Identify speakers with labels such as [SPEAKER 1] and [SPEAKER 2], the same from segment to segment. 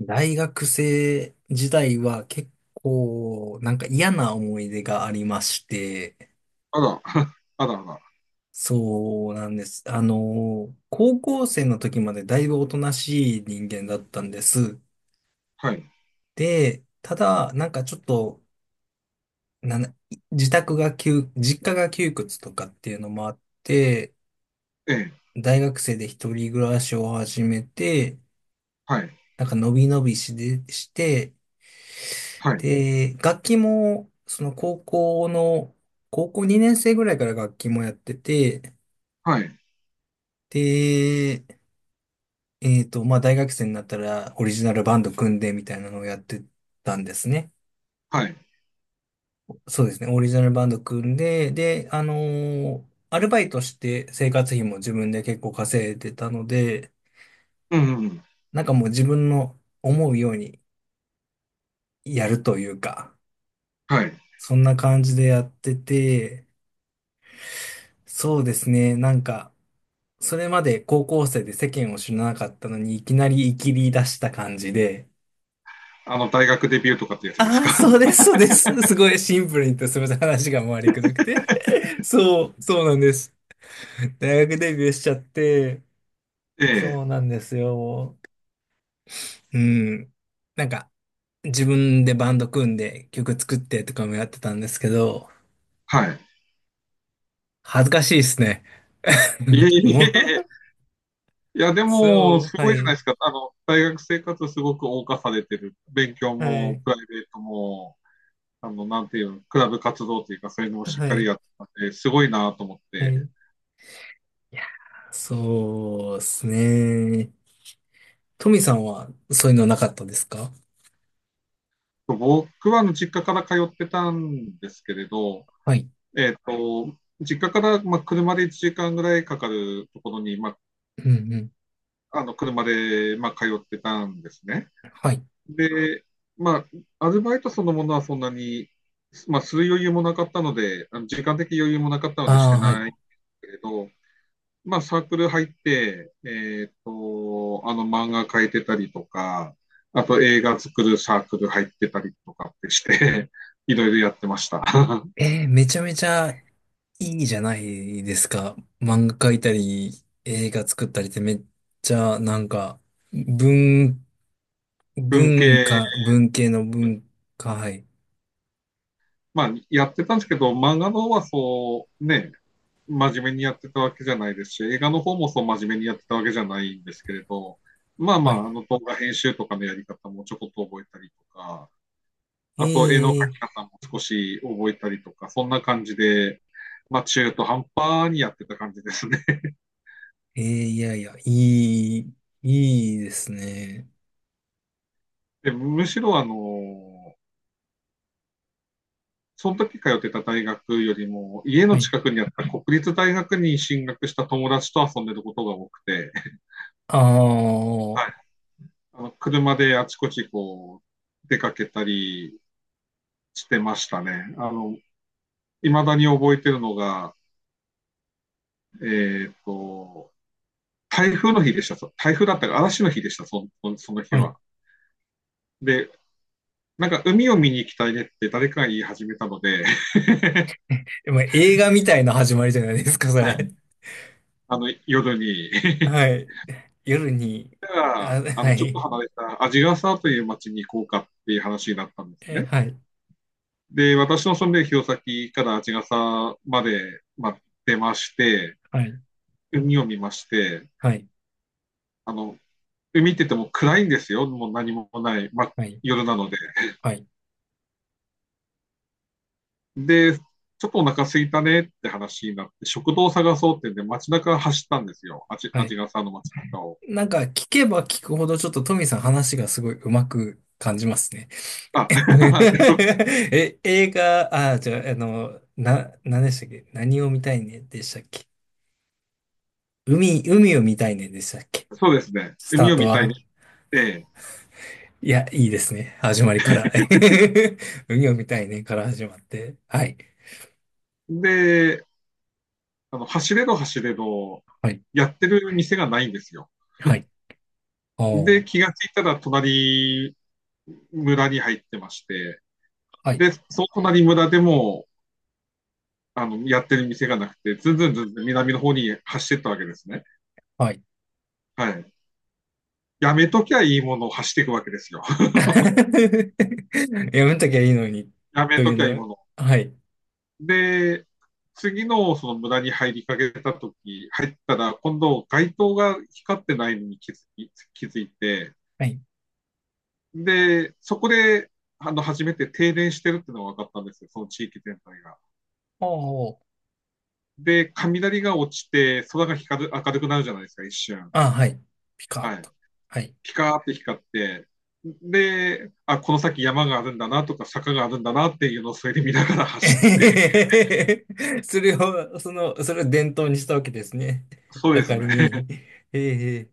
[SPEAKER 1] 大学生時代は結構嫌な思い出がありまして、
[SPEAKER 2] あら、あらあら。
[SPEAKER 1] そうなんです。高校生の時までだいぶおとなしい人間だったんです。
[SPEAKER 2] はい。
[SPEAKER 1] で、ただ、なんかちょっと、なんだ自宅が窮、実家が窮屈とかっていうのもあって、
[SPEAKER 2] ええ。
[SPEAKER 1] 大学生で一人暮らしを始めて、
[SPEAKER 2] はい。
[SPEAKER 1] なんか伸び伸びして、
[SPEAKER 2] はい。
[SPEAKER 1] で、楽器も、高校2年生ぐらいから楽器もやってて、
[SPEAKER 2] はい。
[SPEAKER 1] で、まあ、大学生になったらオリジナルバンド組んでみたいなのをやってたんですね。
[SPEAKER 2] はい。
[SPEAKER 1] そうですね、オリジナルバンド組んで、で、アルバイトして生活費も自分で結構稼いでたので、
[SPEAKER 2] うんうんうん。
[SPEAKER 1] なんかもう自分の思うようにやるというか、
[SPEAKER 2] はい。
[SPEAKER 1] そんな感じでやってて、そうですね、それまで高校生で世間を知らなかったのに、いきなり生きり出した感じで、
[SPEAKER 2] あの、大学デビューとかってやつです
[SPEAKER 1] ああ、
[SPEAKER 2] か？
[SPEAKER 1] そうです、そうです。すごいシンプルに言って、すみません、話が回りくどくて。そうなんです。大学デビューしちゃって、
[SPEAKER 2] ええ、
[SPEAKER 1] そうなんですよ。うん。なんか、自分でバンド組んで曲作ってとかもやってたんですけど、
[SPEAKER 2] はい。
[SPEAKER 1] 恥ずかしいですね。
[SPEAKER 2] いえ いえい
[SPEAKER 1] もう、
[SPEAKER 2] え。いや、でも、
[SPEAKER 1] そ
[SPEAKER 2] す
[SPEAKER 1] う、は
[SPEAKER 2] ごいじゃな
[SPEAKER 1] い、
[SPEAKER 2] いですか。あの、大学生活すごく謳歌されてる。勉強
[SPEAKER 1] は
[SPEAKER 2] も、
[SPEAKER 1] い、
[SPEAKER 2] プライベートも、あの、なんていうの、クラブ活動というか、そういうのをしっ
[SPEAKER 1] は
[SPEAKER 2] かり
[SPEAKER 1] い、
[SPEAKER 2] やってたんで、すごいなと思っ
[SPEAKER 1] は
[SPEAKER 2] て。
[SPEAKER 1] い。いや、そうですね。トミさんはそういうのなかったですか？
[SPEAKER 2] 僕はあの実家から通ってたんですけれど、
[SPEAKER 1] はい。
[SPEAKER 2] 実家から、まあ、車で1時間ぐらいかかるところに、まあ、
[SPEAKER 1] うんうん。
[SPEAKER 2] あの車で、まあ、通ってたんですね。
[SPEAKER 1] はい。
[SPEAKER 2] で、まあ、アルバイトそのものはそんなに、まあ、する余裕もなかったので、あの時間的余裕もなかったのでし
[SPEAKER 1] あ
[SPEAKER 2] て
[SPEAKER 1] あ、はい。
[SPEAKER 2] ないけれど、まあ、サークル入って、あの漫画描いてたりとか、あと映画作るサークル入ってたりとかってして、いろいろやってました。
[SPEAKER 1] えー、めちゃめちゃいいじゃないですか。漫画描いたり、映画作ったりってめっちゃ文、
[SPEAKER 2] 文系、
[SPEAKER 1] 文系の文化、はい。
[SPEAKER 2] まあ、やってたんですけど、漫画の方はそう、ね、真面目にやってたわけじゃないですし、映画の方もそう真面目にやってたわけじゃないんですけれど、まあま
[SPEAKER 1] はい。
[SPEAKER 2] あ、あの動画編集とかのやり方もちょこっと覚えたりとか、あと絵の描
[SPEAKER 1] え
[SPEAKER 2] き
[SPEAKER 1] ー、
[SPEAKER 2] 方も少し覚えたりとか、そんな感じで、まあ中途半端にやってた感じですね。
[SPEAKER 1] えー、いやいや、いいですね。
[SPEAKER 2] でむしろあの、その時通ってた大学よりも、家の
[SPEAKER 1] はい。
[SPEAKER 2] 近くにあった国立大学に進学した友達と遊んでることが多くて、
[SPEAKER 1] ああ、は
[SPEAKER 2] はい。あの車であちこちこう、出かけたり、してましたね。あの、未だに覚えてるのが、えっと、台風の日でした。台風だったか、嵐の日でした、その日
[SPEAKER 1] い。
[SPEAKER 2] は。で、なんか海を見に行きたいねって誰かが言い始めたので、
[SPEAKER 1] まあ、映画みたいな始まりじゃないですか、そ
[SPEAKER 2] はい、
[SPEAKER 1] れ。
[SPEAKER 2] あの夜に
[SPEAKER 1] はい。夜に、
[SPEAKER 2] だから
[SPEAKER 1] あ、
[SPEAKER 2] あ
[SPEAKER 1] は
[SPEAKER 2] のちょっと
[SPEAKER 1] い。
[SPEAKER 2] 離れた鰺ヶ沢という町に行こうかっていう話になったんです
[SPEAKER 1] え、
[SPEAKER 2] ね。
[SPEAKER 1] はい。
[SPEAKER 2] で、私の住んでる弘前から鰺ヶ沢まで、まあ、出まして、
[SPEAKER 1] はい。
[SPEAKER 2] 海を見まして、
[SPEAKER 1] はい。
[SPEAKER 2] あので見てても暗いんですよ。もう何もない、ま、
[SPEAKER 1] はい。
[SPEAKER 2] 夜なので。
[SPEAKER 1] はい。
[SPEAKER 2] で、ちょっとお腹空いたねって話になって、食堂を探そうってんで、街中走ったんですよ。あち、
[SPEAKER 1] は
[SPEAKER 2] あ
[SPEAKER 1] い。
[SPEAKER 2] ちがさの街中を。
[SPEAKER 1] 聞けば聞くほどちょっとトミーさん話がすごいうまく感じますね。
[SPEAKER 2] あ、
[SPEAKER 1] え、映画、あ、じゃあ、何でしたっけ、何を見たいねでしたっけ、海を見たいねでしたっけ、
[SPEAKER 2] そうですね。
[SPEAKER 1] スタ
[SPEAKER 2] 海
[SPEAKER 1] ー
[SPEAKER 2] を
[SPEAKER 1] ト
[SPEAKER 2] 見たいに
[SPEAKER 1] は。
[SPEAKER 2] 行って、
[SPEAKER 1] いや、いいですね。始まりから。海を見たいねから始まって。はい。
[SPEAKER 2] で、あの、走れど走れど、
[SPEAKER 1] はい。
[SPEAKER 2] やってる店がないんですよ。
[SPEAKER 1] はい。お
[SPEAKER 2] で、
[SPEAKER 1] ー。
[SPEAKER 2] 気がついたら隣村に入ってまして、
[SPEAKER 1] はい。
[SPEAKER 2] で、その隣村でも、あの、やってる店がなくて、ずんずんずんずん南の方に走ってったわけですね。
[SPEAKER 1] はい。
[SPEAKER 2] はい。やめときゃいいものを走っていくわけですよ。
[SPEAKER 1] やめときゃいいのに。
[SPEAKER 2] やめ
[SPEAKER 1] とい
[SPEAKER 2] と
[SPEAKER 1] う
[SPEAKER 2] きゃいい
[SPEAKER 1] の。
[SPEAKER 2] もの。
[SPEAKER 1] はい。
[SPEAKER 2] で、次のその村に入りかけたとき、入ったら、今度街灯が光ってないのに気づいて、
[SPEAKER 1] はい。
[SPEAKER 2] で、そこで、あの、初めて停電してるっていうのが分かったんですよ、その地域全体が。
[SPEAKER 1] おー。
[SPEAKER 2] で、雷が落ちて、空が光る、明るくなるじゃないですか、一瞬。
[SPEAKER 1] あ、はい。ピカッ
[SPEAKER 2] はい。
[SPEAKER 1] と。はい。
[SPEAKER 2] ピカーって光って、で、あ、この先山があるんだなとか坂があるんだなっていうのをそれで見ながら
[SPEAKER 1] え
[SPEAKER 2] 走って、
[SPEAKER 1] へへへへそれを伝統にしたわけですね。
[SPEAKER 2] そう
[SPEAKER 1] 明
[SPEAKER 2] です
[SPEAKER 1] か
[SPEAKER 2] ね。
[SPEAKER 1] り に。ええ。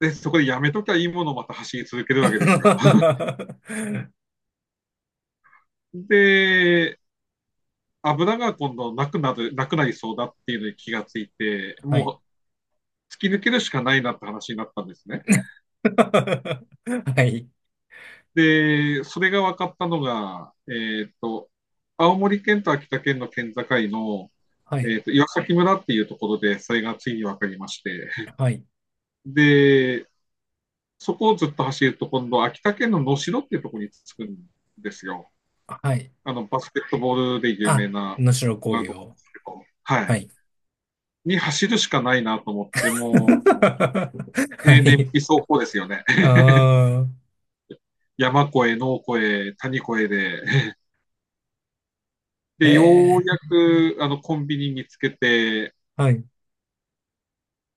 [SPEAKER 2] で、そこでやめときゃいいものをまた走り続けるわけ ですよ。で、油が今度なくなる、なくなりそうだっていうのに気がついて、
[SPEAKER 1] はい。
[SPEAKER 2] もう突き抜けるしかないなって話になったんですね。
[SPEAKER 1] はい。
[SPEAKER 2] で、それが分かったのが、青森県と秋田県の県境の、
[SPEAKER 1] はい。
[SPEAKER 2] 岩崎村っていうところで、それがついに分かりまして、
[SPEAKER 1] はい。
[SPEAKER 2] で、そこをずっと走ると、今度、秋田県の能代っていうところに着くんですよ。
[SPEAKER 1] はい。
[SPEAKER 2] あの、バスケットボールで有名
[SPEAKER 1] あ、
[SPEAKER 2] な、
[SPEAKER 1] 能代工
[SPEAKER 2] なるとこな
[SPEAKER 1] 業。
[SPEAKER 2] ですけど、は
[SPEAKER 1] は
[SPEAKER 2] い。
[SPEAKER 1] い。
[SPEAKER 2] に走るしかないなと思って、もう
[SPEAKER 1] は
[SPEAKER 2] 平年
[SPEAKER 1] い。
[SPEAKER 2] 期走行ですよね。
[SPEAKER 1] ああ。
[SPEAKER 2] 山越え、農越え、谷越えで。で、よう
[SPEAKER 1] ええ、
[SPEAKER 2] やく、あの、コンビニ見つけて、
[SPEAKER 1] はい。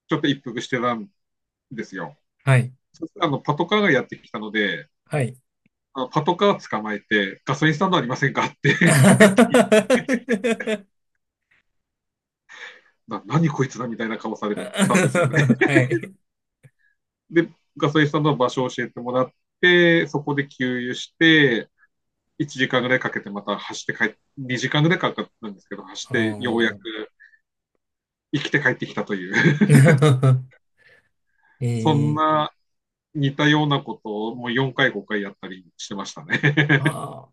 [SPEAKER 2] ちょっと一服してたんですよ。
[SPEAKER 1] はい。
[SPEAKER 2] そしたら、あの、パトカーがやってきたので、
[SPEAKER 1] はい。
[SPEAKER 2] あのパトカー捕まえて、ガソリンスタンドありませんかって
[SPEAKER 1] は
[SPEAKER 2] 聞いな何こいつだみたいな顔されたんですよね。
[SPEAKER 1] い。
[SPEAKER 2] で、ガソリンスタンドの場所を教えてもらって、そこで給油して、1時間ぐらいかけてまた走って帰って、2時間ぐらいかかったんですけど、走っ
[SPEAKER 1] あ
[SPEAKER 2] てようや
[SPEAKER 1] ー。
[SPEAKER 2] く生きて帰ってきたという、
[SPEAKER 1] え
[SPEAKER 2] そん
[SPEAKER 1] ー、
[SPEAKER 2] な似たようなことをもう4回、5回やったりしてましたね。
[SPEAKER 1] あ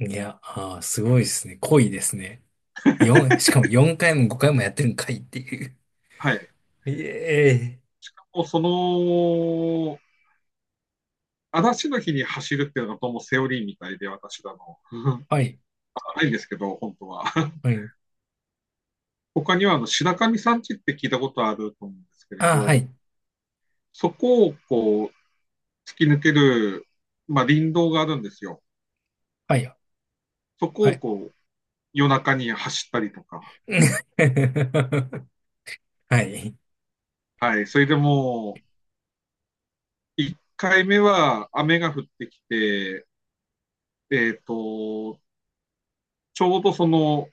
[SPEAKER 1] ー、いや、あー、すごいですね。濃いですね。しかも4回も5回もやってるんかいっていう。
[SPEAKER 2] はい。
[SPEAKER 1] いえー、
[SPEAKER 2] もうその、嵐の日に走るっていうのがどうもセオリーみたいで、私だの。
[SPEAKER 1] はい、
[SPEAKER 2] ないんですけど、本当は。
[SPEAKER 1] はい。
[SPEAKER 2] 他には、あの、白神山地って聞いたことあると思うんですけれ
[SPEAKER 1] あー、は
[SPEAKER 2] ど、
[SPEAKER 1] い、
[SPEAKER 2] そこをこう、突き抜ける、まあ、林道があるんですよ。
[SPEAKER 1] はい、
[SPEAKER 2] そこ
[SPEAKER 1] は
[SPEAKER 2] を
[SPEAKER 1] い。
[SPEAKER 2] こう、夜中に走ったりとか、
[SPEAKER 1] はい。
[SPEAKER 2] はい、それでもう、1回目は雨が降ってきて、えっ、と、ちょうどその、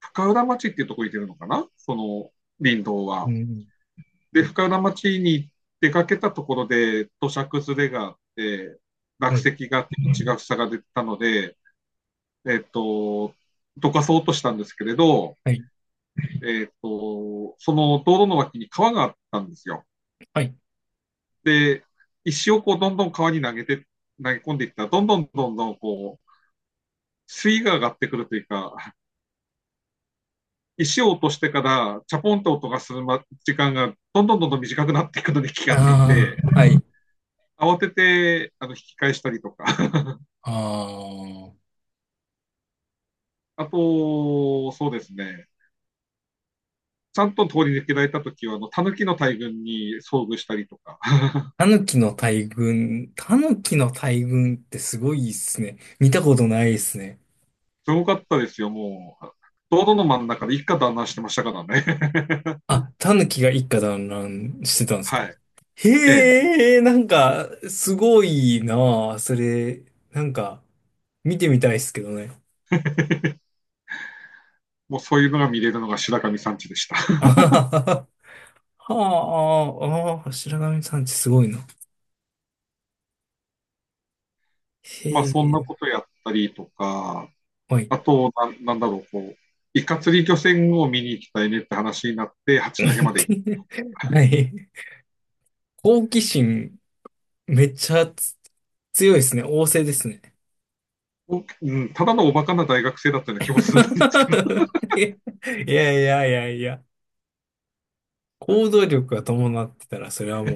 [SPEAKER 2] 深浦町っていうところに出るのかなその林道
[SPEAKER 1] う
[SPEAKER 2] は。
[SPEAKER 1] ん、
[SPEAKER 2] で、深浦町に出かけたところで土砂崩れがあって、落
[SPEAKER 1] はい、
[SPEAKER 2] 石があって血が塞がれてたので、えっ、と、どかそうとしたんですけれど、
[SPEAKER 1] はい、
[SPEAKER 2] その道路の脇に川があったんですよ。
[SPEAKER 1] はい。
[SPEAKER 2] で、石をこうどんどん川に投げて、投げ込んでいったら、どんどんどんどんこう、水位が上がってくるというか、石を落としてからチャポンと音がするま時間がどんどんどんどん短くなっていくのに気がつい
[SPEAKER 1] あ
[SPEAKER 2] て、
[SPEAKER 1] あ、はい。
[SPEAKER 2] 慌ててあの引き返したりとか、
[SPEAKER 1] ああ。
[SPEAKER 2] あと、そうですね、ちゃんと通り抜けられた時は、あの、狸の大群に遭遇したりとか、
[SPEAKER 1] タヌキの大群。タヌキの大群ってすごいっすね。見たことないっすね。
[SPEAKER 2] すごかったですよ、もう。道路の真ん中で一家団らんしてましたからね。
[SPEAKER 1] あ、タヌキが一家団らんしてたんです
[SPEAKER 2] は
[SPEAKER 1] か？
[SPEAKER 2] い。ええ。
[SPEAKER 1] へえ、すごいなあ。それ、なんか、見てみたいっすけどね。
[SPEAKER 2] もうそういうのが見れるのが白神山地でした。
[SPEAKER 1] あははは。はあ、ああ、白神山地すごいな。
[SPEAKER 2] まあ
[SPEAKER 1] へ
[SPEAKER 2] そんな
[SPEAKER 1] え、
[SPEAKER 2] ことやったりとか、
[SPEAKER 1] はい。
[SPEAKER 2] あと、ななんだろう、こう、イカ釣り漁船を見に行きたいねって話になって、八 戸まで
[SPEAKER 1] はい。好奇心、めっちゃ強いですね。旺盛ですね。
[SPEAKER 2] 行っうんただのおバカな大学生だったような気もする。
[SPEAKER 1] いやいやいやいや、行動力が伴ってたら、それはも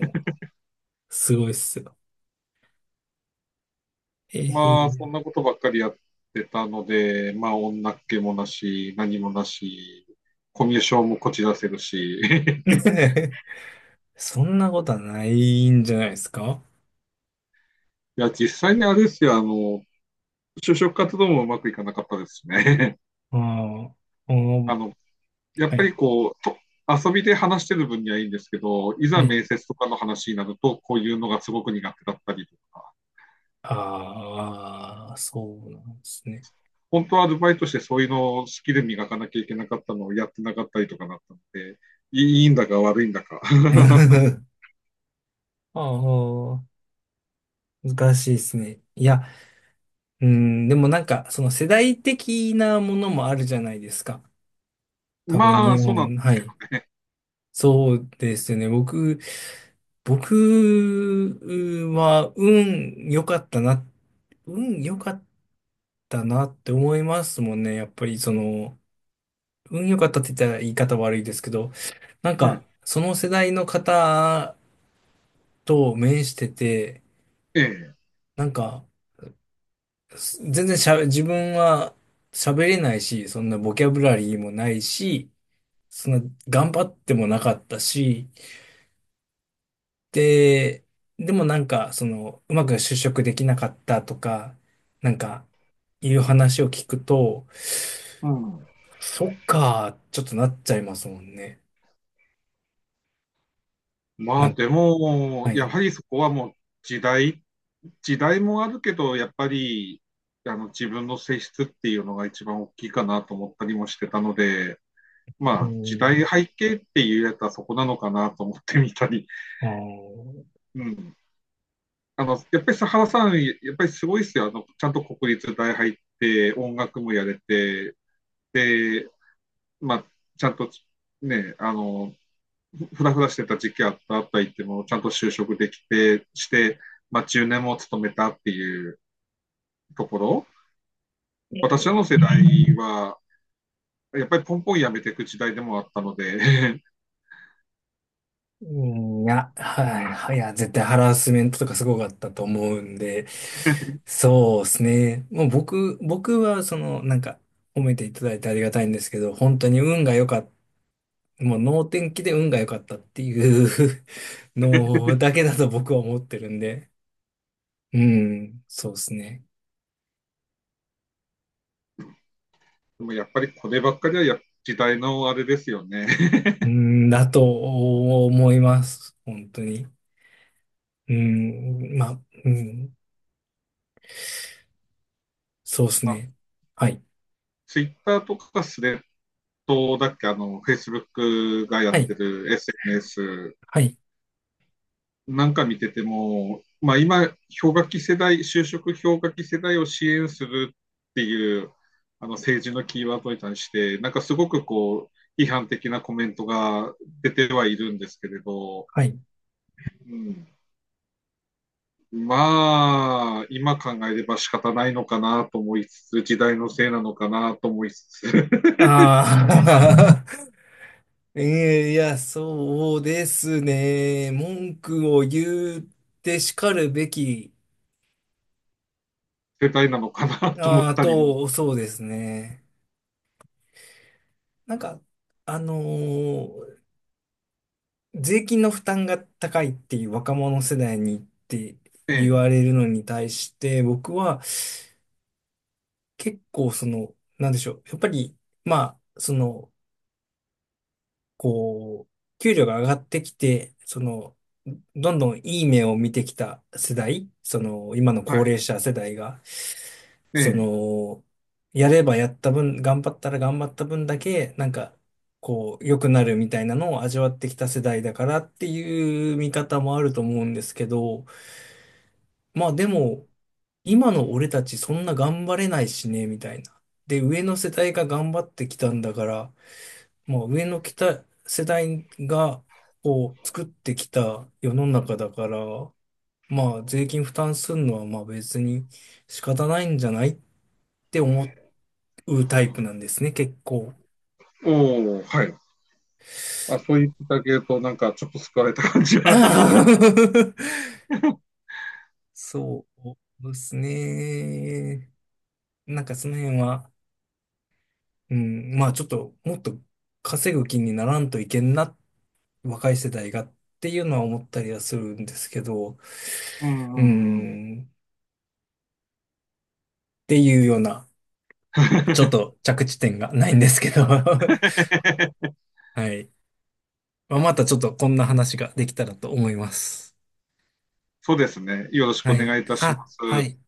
[SPEAKER 1] う、すごいっすよ。えー、い
[SPEAKER 2] ま
[SPEAKER 1] い
[SPEAKER 2] あそん
[SPEAKER 1] ね。
[SPEAKER 2] なことばっかりやってたので、まあ女っ気もなし、何もなし、コミュ障もこじらせるし、
[SPEAKER 1] そんなことはないんじゃないですか？
[SPEAKER 2] いや、実際にあれですよ、あの、就職活動もうまくいかなかったですね。
[SPEAKER 1] ああ、お
[SPEAKER 2] あ
[SPEAKER 1] ー、
[SPEAKER 2] の、やっ
[SPEAKER 1] は
[SPEAKER 2] ぱ
[SPEAKER 1] い、
[SPEAKER 2] りこう、と遊びで話してる分にはいいんですけど、い
[SPEAKER 1] は
[SPEAKER 2] ざ
[SPEAKER 1] い。
[SPEAKER 2] 面接とかの話になると、こういうのがすごく苦手だったりとか、
[SPEAKER 1] ああ、そうなんですね。
[SPEAKER 2] 本当はアルバイトしてそういうのをスキル磨かなきゃいけなかったのをやってなかったりとかなったので、いいんだか悪いんだか。
[SPEAKER 1] ああ、難しいですね。いや、うん、でもその世代的なものもあるじゃないですか。多分
[SPEAKER 2] まあ、
[SPEAKER 1] 日
[SPEAKER 2] そうなん
[SPEAKER 1] 本、
[SPEAKER 2] で
[SPEAKER 1] は
[SPEAKER 2] すけど
[SPEAKER 1] い。
[SPEAKER 2] ね。
[SPEAKER 1] そうですね。僕は運良かったな、運良かったなって思いますもんね。やっぱりその、運良かったって言ったら言い方悪いですけど、
[SPEAKER 2] はい。
[SPEAKER 1] その世代の方と面してて、
[SPEAKER 2] ええ。
[SPEAKER 1] なんか、す全然しゃべ、自分は喋れないし、そんなボキャブラリーもないし、そんな頑張ってもなかったし、で、でもその、うまく就職できなかったとか、なんか、いう話を聞くと、
[SPEAKER 2] うん。
[SPEAKER 1] そっか、ちょっとなっちゃいますもんね。
[SPEAKER 2] ま
[SPEAKER 1] な
[SPEAKER 2] あ、
[SPEAKER 1] んか、
[SPEAKER 2] でも、
[SPEAKER 1] は
[SPEAKER 2] や
[SPEAKER 1] い。
[SPEAKER 2] はりそこはもう時代、時代もあるけど、やっぱり、あの、自分の性質っていうのが一番大きいかなと思ったりもしてたので、
[SPEAKER 1] う
[SPEAKER 2] まあ、時代
[SPEAKER 1] ん。
[SPEAKER 2] 背景って言えたらそこなのかなと思ってみたり、
[SPEAKER 1] あー、
[SPEAKER 2] うん。あの、やっぱり佐原さん、やっぱりすごいですよ。あの、ちゃんと国立大入って、音楽もやれて、で、まあ、ちゃんとね、あの、ふらふらしてた時期あった言っても、ちゃんと就職できて、して、まあ、10年も勤めたっていうところ。私らの世代は、やっぱりポンポンやめていく時代でもあったので
[SPEAKER 1] うん、いや、はい、はい、いや、絶対ハラスメントとかすごかったと思うんで、そうですね。もう僕は、褒めていただいてありがたいんですけど、本当に運が良かった。もう能天気で運が良かったっていう のだけだと僕は思ってるんで。うん、そうですね。
[SPEAKER 2] でもやっぱりこればっかりはや時代のあれですよね
[SPEAKER 1] うん、だと思います。本当に。うん、まあ、うん、そうで す
[SPEAKER 2] まあ、
[SPEAKER 1] ね。はい、
[SPEAKER 2] ツイッターとかスレッドだっけ、あの、フェイスブックがや
[SPEAKER 1] は
[SPEAKER 2] って
[SPEAKER 1] い、
[SPEAKER 2] る SNS
[SPEAKER 1] はい、
[SPEAKER 2] なんか見てても、まあ今、氷河期世代、就職氷河期世代を支援するっていう、あの政治のキーワードに対して、なんかすごくこう、批判的なコメントが出てはいるんですけれど、
[SPEAKER 1] はい。
[SPEAKER 2] うん、まあ、今考えれば仕方ないのかなと思いつつ、時代のせいなのかなと思いつつ、
[SPEAKER 1] ああ。えー、いや、そうですね。文句を言って叱るべき、
[SPEAKER 2] 世代なのかなと思
[SPEAKER 1] あ
[SPEAKER 2] っ
[SPEAKER 1] あ、
[SPEAKER 2] たりも、
[SPEAKER 1] と、そうですね。なんか、あのー税金の負担が高いっていう若者世代にって言わ
[SPEAKER 2] ね、
[SPEAKER 1] れるのに対して、僕は結構その、なんでしょう。やっぱり、まあ、その、こう、給料が上がってきて、その、どんどんいい目を見てきた世代、その、今の
[SPEAKER 2] は
[SPEAKER 1] 高
[SPEAKER 2] い、
[SPEAKER 1] 齢者世代が、
[SPEAKER 2] え
[SPEAKER 1] そ
[SPEAKER 2] え。
[SPEAKER 1] の、やればやった分、頑張ったら頑張った分だけ、こう、良くなるみたいなのを味わってきた世代だからっていう見方もあると思うんですけど、まあでも、今の俺たちそんな頑張れないしね、みたいな。で、上の世代が頑張ってきたんだから、もう上の来た世代が、こう、作ってきた世の中だから、まあ、税金負担するのは、まあ別に仕方ないんじゃないって思うタイプなんですね、結構。
[SPEAKER 2] おお、はい。あ、そう言っていただけると、なんかちょっと救われた感じは。
[SPEAKER 1] そうですね。なんかその辺は、うん、まあちょっと、もっと稼ぐ気にならんといけんな、若い世代がっていうのは思ったりはするんですけど、
[SPEAKER 2] うんう
[SPEAKER 1] う
[SPEAKER 2] んうん。
[SPEAKER 1] ん、っていうような。ちょっ と着地点がないんですけど はい。まあ、またちょっとこんな話ができたらと思います。
[SPEAKER 2] そうですね。よろしく
[SPEAKER 1] は
[SPEAKER 2] お
[SPEAKER 1] い。
[SPEAKER 2] 願いいたしま
[SPEAKER 1] あ、
[SPEAKER 2] す。
[SPEAKER 1] はい。